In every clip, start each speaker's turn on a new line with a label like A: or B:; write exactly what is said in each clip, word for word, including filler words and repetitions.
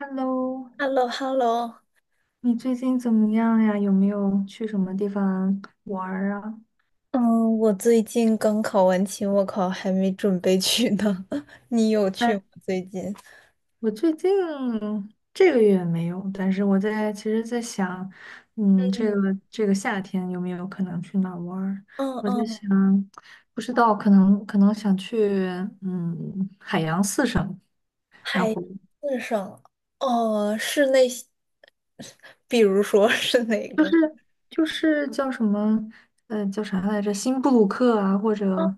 A: Hello，
B: h e l l o h e l l o。
A: 你最近怎么样呀？有没有去什么地方玩儿啊？
B: 嗯，我最近刚考完期末考，还没准备去呢。你有去
A: 哎，
B: 吗？最近？
A: 我最近这个月没有，但是我在其实在想，嗯，这
B: 嗯，
A: 个这个夏天有没有可能去哪儿玩儿？
B: 嗯
A: 我在
B: 嗯，
A: 想，不知道，可能可能想去嗯海洋四省，然
B: 海
A: 后
B: 字上，哦，是那比如说 是哪个？
A: 就是叫什么，呃，叫啥来着？新布鲁克啊，或
B: 哦，
A: 者，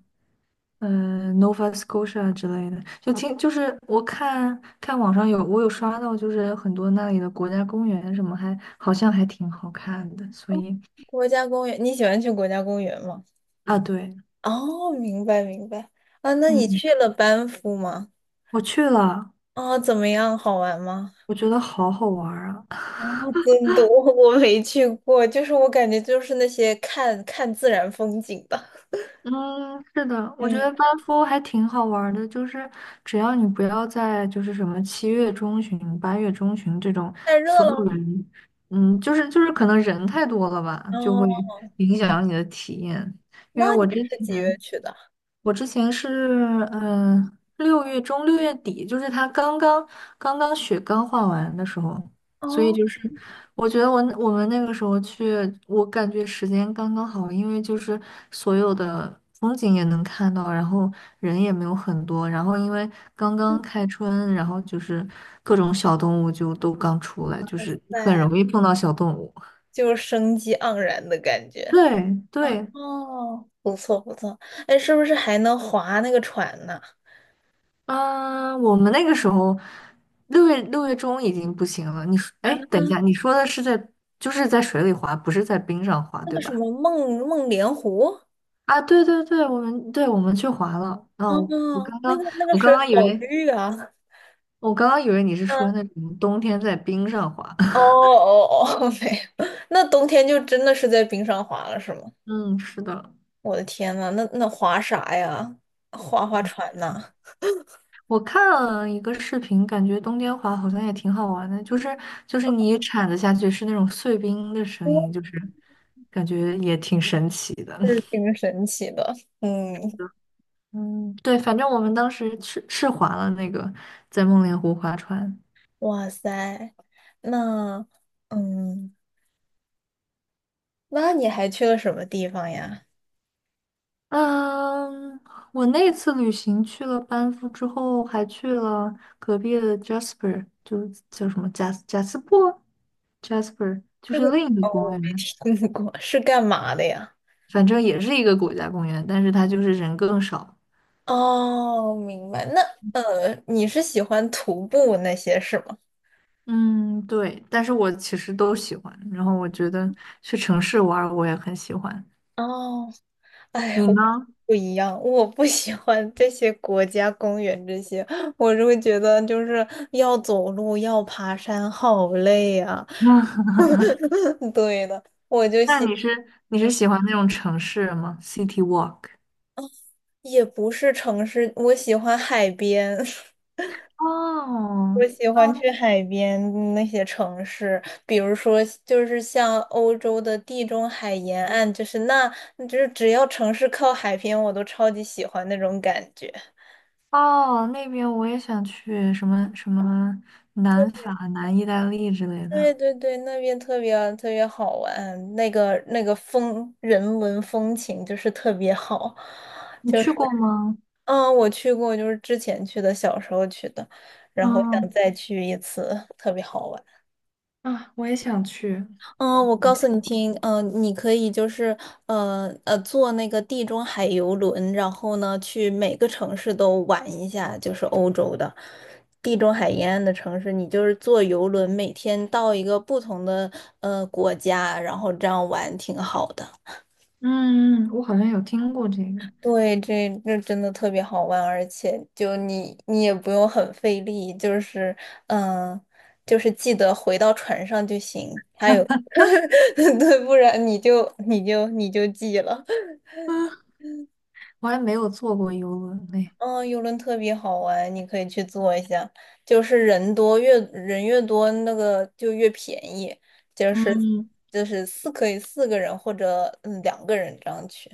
A: 呃，Nova Scotia 之类的，就听，就是我看看网上有，我有刷到，就是很多那里的国家公园什么还，好像还挺好看的，所以。
B: 国家公园，你喜欢去国家公园吗？
A: 啊，对，
B: 哦，明白明白。啊，那你
A: 嗯，
B: 去了班夫吗？
A: 我去了，
B: 哦，怎么样？好玩吗？
A: 我觉得好好玩儿啊。
B: 哦，真的，我我没去过，就是我感觉就是那些看看自然风景的。
A: 嗯，是的，我觉得
B: 嗯。
A: 班夫还挺好玩儿的，就是只要你不要在就是什么七月中旬、八月中旬这种
B: 太热
A: 所有
B: 了。
A: 人，嗯，就是就是可能人太多了吧，就会
B: 哦，
A: 影响你的体验。因为
B: 那你
A: 我之前
B: 是几月去的？
A: 我之前是，嗯，六月中六月底，就是他刚刚刚刚雪刚化完的时候，所以
B: 哦，
A: 就是我觉得我我们那个时候去，我感觉时间刚刚好，因为就是所有的风景也能看到，然后人也没有很多，然后因为刚刚开春，然后就是各种小动物就都刚出来，就是很
B: 对，
A: 容易碰到小动物。
B: 就是生机盎然的感觉。
A: 对对，
B: 哦，不错不错。哎，是不是还能划那个船呢？
A: 嗯，我们那个时候六月六月中已经不行了。你说，
B: 啊，
A: 哎，等一下，你说的是在就是在水里滑，不是在冰上滑，
B: 那
A: 对
B: 个什
A: 吧？
B: 么梦梦莲湖？
A: 啊，对对对，我们对我们去滑了。
B: 哦，
A: 哦，我刚
B: 那
A: 刚
B: 个那个
A: 我
B: 水
A: 刚刚以
B: 好
A: 为
B: 绿啊。
A: 我刚刚以为你是说
B: 嗯，
A: 那种冬天在冰上滑。
B: 哦 哦哦，没有。那冬天就真的是在冰上滑了，是吗？
A: 嗯，是的。
B: 我的天呐，那那划啥呀？划划船呐？
A: 我看了一个视频，感觉冬天滑好像也挺好玩的，就是就是你铲子下去是那种碎冰的声音，就 是感觉也挺神奇的。
B: 是 挺神奇的，嗯，
A: 嗯，对，反正我们当时是是划了那个在梦莲湖划船。
B: 哇塞，那嗯，那你还去了什么地方呀？
A: 嗯，我那次旅行去了班夫之后，还去了隔壁的 Jasper，就是叫什么贾斯贾斯珀 Jasper，就
B: 这个
A: 是另一
B: 哦，
A: 个公
B: 我
A: 园，
B: 没听过，是干嘛的呀？
A: 反正也是一个国家公园，但是它就是人更少。
B: 哦，明白。那呃，你是喜欢徒步那些是吗？
A: 嗯，对，但是我其实都喜欢，然后我觉得去城市玩儿我也很喜欢。
B: 哦，哎，
A: 你
B: 我
A: 呢？
B: 不一样，我不喜欢这些国家公园这些，我就会觉得就是要走路，要爬山，好累啊。对的，我就
A: 那
B: 喜，
A: 你是你是
B: 嗯，
A: 喜欢那种城市吗？City Walk？
B: 也不是城市，我喜欢海边。
A: 哦
B: 我喜欢
A: 哦
B: 去海边那些城市，比如说就是像欧洲的地中海沿岸，就是那，就是只要城市靠海边，我都超级喜欢那种感觉。
A: 哦，那边我也想去，什么什么南法、南意大利之类
B: 对
A: 的，
B: 对对，那边特别特别好玩，那个那个风人文风情就是特别好，
A: 你
B: 就
A: 去
B: 是
A: 过吗？
B: 嗯，我去过，就是之前去的，小时候去的，然后想
A: 嗯
B: 再去一次，特别好玩。
A: 啊，我也想去。
B: 嗯，我告诉你听，嗯、你可以就是呃呃坐那个地中海游轮，然后呢去每个城市都玩一下，就是欧洲的地中海沿岸的城市，你就是坐游轮，每天到一个不同的呃国家，然后这样玩挺好的。
A: 嗯，我好像有听过这个，
B: 对，这这真的特别好玩，而且就你你也不用很费力，就是嗯、呃就是记得回到船上就行。还有。对，不然你就你就你就记了。
A: 我还没有坐过游轮嘞。
B: 嗯，游轮特别好玩，你可以去坐一下。就是人多越人越多，那个就越便宜。就是
A: 嗯，
B: 就是四可以四个人或者嗯两个人这样去。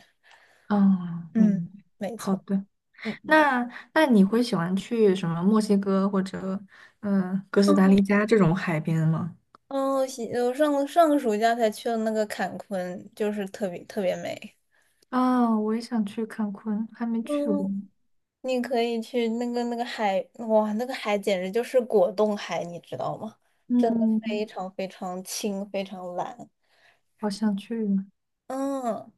A: 哦，
B: 嗯，
A: 明白。
B: 没
A: 好
B: 错。
A: 的，
B: 嗯嗯。
A: 那那你会喜欢去什么墨西哥或者嗯呃哥斯达黎加这种海边吗？
B: 哦，西我上上个暑假才去了那个坎昆，就是特别特别美。
A: 啊，我也想去看昆，还没去过。
B: 嗯，你可以去那个那个海，哇，那个海简直就是果冻海，你知道吗？非
A: 嗯，
B: 常非常轻，非常蓝，
A: 好想去啊。
B: 嗯，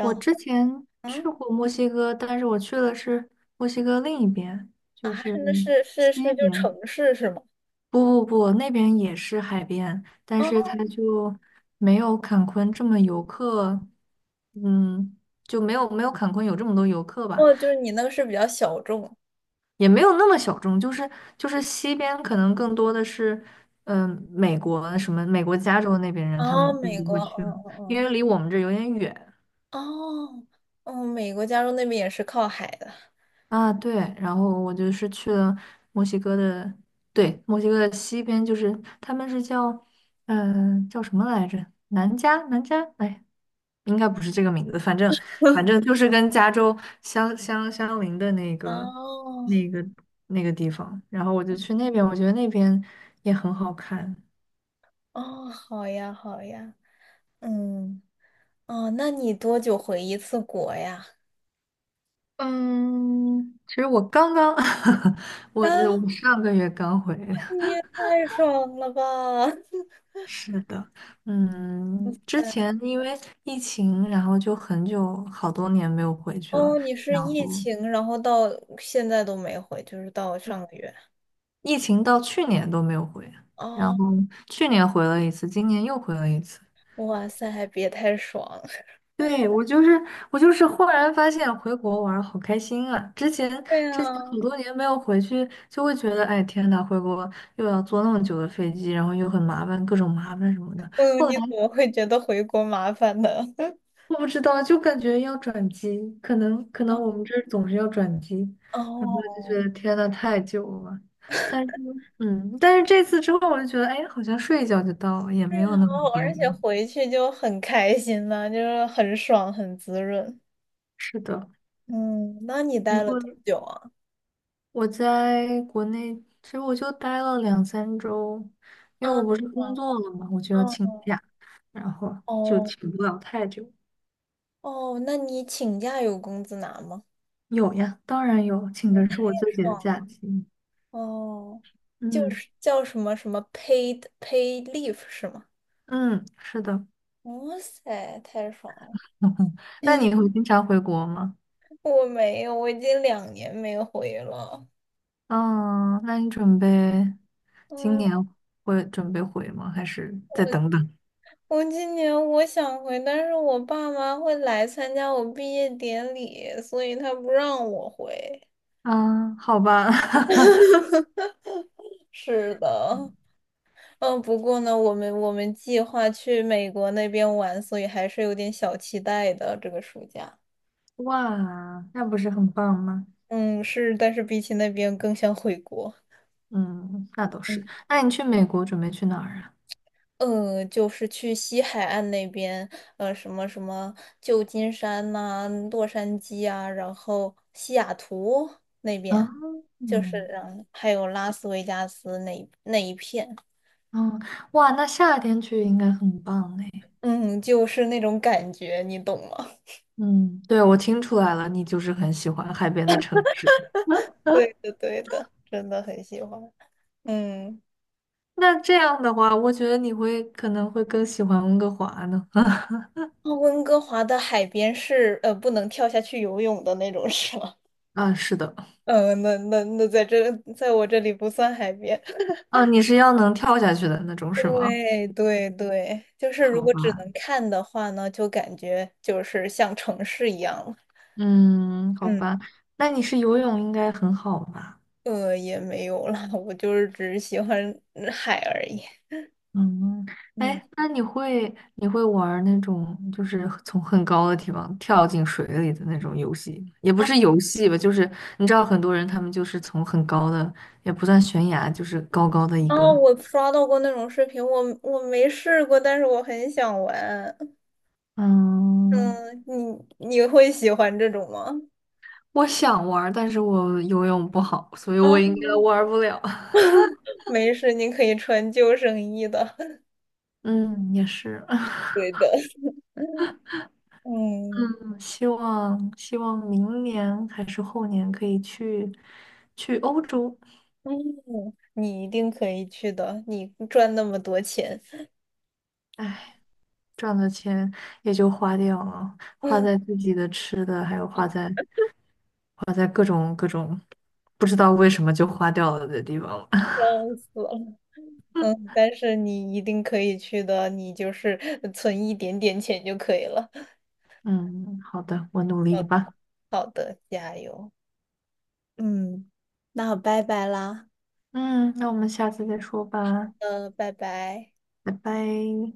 A: 我
B: 后
A: 之前去
B: 嗯
A: 过墨西哥，但是我去的是墨西哥另一边，
B: 啊，
A: 就是
B: 那是是是
A: 西
B: 就
A: 边。
B: 城市是吗？
A: 不不不，那边也是海边，但是
B: 哦
A: 它就没有坎昆这么游客，嗯，就没有没有坎昆有这么多游客吧，
B: 哦就是你那个是比较小众。
A: 也没有那么小众。就是就是西边可能更多的是，嗯、美国什么美国加州那边人他
B: 哦，
A: 们更
B: 美
A: 多
B: 国，
A: 会去
B: 嗯
A: 嘛，因
B: 嗯
A: 为离我们这有点远。
B: 嗯，哦，哦，美国加州那边也是靠海的。
A: 啊，对，然后我就是去了墨西哥的，对，墨西哥的西边，就是他们是叫，嗯、叫什么来着？南加，南加，哎，应该不是这个名字，反正反正就是跟加州相相相邻的那个
B: 哦
A: 那个那个地方，然后我就去那边，我觉得那边也很好看。
B: 哦，好呀好呀，嗯哦，那你多久回一次国呀？
A: 嗯，其实我刚刚，我
B: 啊，
A: 我上个月刚回，
B: 你也太爽了吧！
A: 是的，嗯，之
B: 对
A: 前因为疫情，然后就很久好多年没有回去了，
B: 哦，你是
A: 然
B: 疫
A: 后
B: 情，然后到现在都没回，就是到上个月。
A: 疫情到去年都没有回，然
B: 哦，
A: 后去年回了一次，今年又回了一次。
B: 哇塞，还别太爽！
A: 对，我就是我就是忽然发现回国玩儿好开心啊！之前
B: 对
A: 之前
B: 啊，
A: 很多年没有回去，就会觉得哎天呐，回国又要坐那么久的飞机，然后又很麻烦，各种麻烦什么的。
B: 嗯，
A: 后
B: 你怎
A: 来，
B: 么会觉得回国麻烦呢？
A: 我不知道，就感觉要转机，可能可能我们这儿总是要转机，然后就
B: 哦，
A: 觉得天呐，太久了。但是，嗯，但是这次之后，我就觉得，哎，好像睡一觉就到了，也
B: 对
A: 没
B: 啊，
A: 有那么糟
B: 而且
A: 糕。
B: 回去就很开心呐、就是很爽，很滋润。
A: 是的，
B: 嗯，那你
A: 以
B: 待了
A: 后
B: 多久啊？
A: 我在国内，其实我就待了两三周，因
B: 啊，
A: 为我不是工
B: 哦
A: 作了嘛，我就要请假，然后就
B: 哦
A: 请不了太久。
B: 哦，那你请假有工资拿吗？
A: 有呀，当然有，请的是我自己的
B: 爽
A: 假期。
B: 哦，就
A: 嗯
B: 是叫什么什么 paid paid leave 是吗？
A: 嗯，是的。
B: 哇塞，太爽了！
A: 那你会经常回国吗？
B: 我没有，我已经两年没回了。
A: 嗯，那你准备今
B: 嗯，
A: 年会准备回吗？还是再等等？
B: 我今年我想回，但是我爸妈会来参加我毕业典礼，所以他不让我回。
A: 嗯，好吧。
B: 是的，嗯，不过呢，我们我们计划去美国那边玩，所以还是有点小期待的这个暑假。
A: 哇，那不是很棒吗？
B: 嗯，是，但是比起那边更想回国。
A: 嗯，那倒是。
B: 嗯。
A: 那你去美国准备去哪儿啊？
B: 嗯，呃就是去西海岸那边，呃，什么什么旧金山呐、洛杉矶啊，然后西雅图那
A: 啊，
B: 边，就是
A: 嗯
B: 嗯，还有拉斯维加斯那一那一片，
A: 嗯，哇，那夏天去应该很棒哎。
B: 嗯，就是那种感觉，你懂吗？
A: 嗯，对，我听出来了，你就是很喜欢海边的城市。
B: 对的，对的，真的很喜欢。嗯，
A: 那这样的话，我觉得你会可能会更喜欢温哥华呢。
B: 那温哥华的海边是呃不能跳下去游泳的那种，是吗？
A: 啊，是的。
B: 嗯，那那那在这，在我这里不算海边。
A: 哦，你是要能跳下去的那种是吗？
B: 对对对，就是如
A: 好
B: 果只
A: 吧，
B: 能看的话呢，就感觉就是像城市一样了
A: 嗯，好
B: 嗯，
A: 吧，那你是游泳应该很好吧？
B: 呃，也没有啦，我就是只是喜欢嗯海而已。
A: 嗯，
B: 嗯，
A: 哎，那你会你会玩儿那种就是从很高的地方跳进水里的那种游戏吗，也不是游戏吧，就是你知道很多人他们就是从很高的，也不算悬崖，就是高高的一
B: 哦，
A: 个，
B: 我刷到过那种视频，我我没试过，但是我很想玩。
A: 嗯，
B: 嗯，你你会喜欢这种吗？
A: 我想玩儿但是我游泳不好，所以我
B: 啊，
A: 应该玩儿不了。
B: 没事，你可以穿救生衣的。
A: 嗯，也是。
B: 对的。嗯
A: 希望希望明年还是后年可以去去欧洲，
B: 嗯，你一定可以去的，你赚那么多钱。
A: 哎，赚的钱也就花掉了，花在 自己的吃的，还有花在不知道为什么就花掉了的地方了。
B: 笑死了，嗯，但是你一定可以去的，你就是呃存一点点钱就可以了。
A: 嗯，好的，我努力吧。
B: 好的，加油，嗯，那拜拜啦。
A: 嗯，那我们下次再说吧，
B: 嗯，拜拜。
A: 拜拜。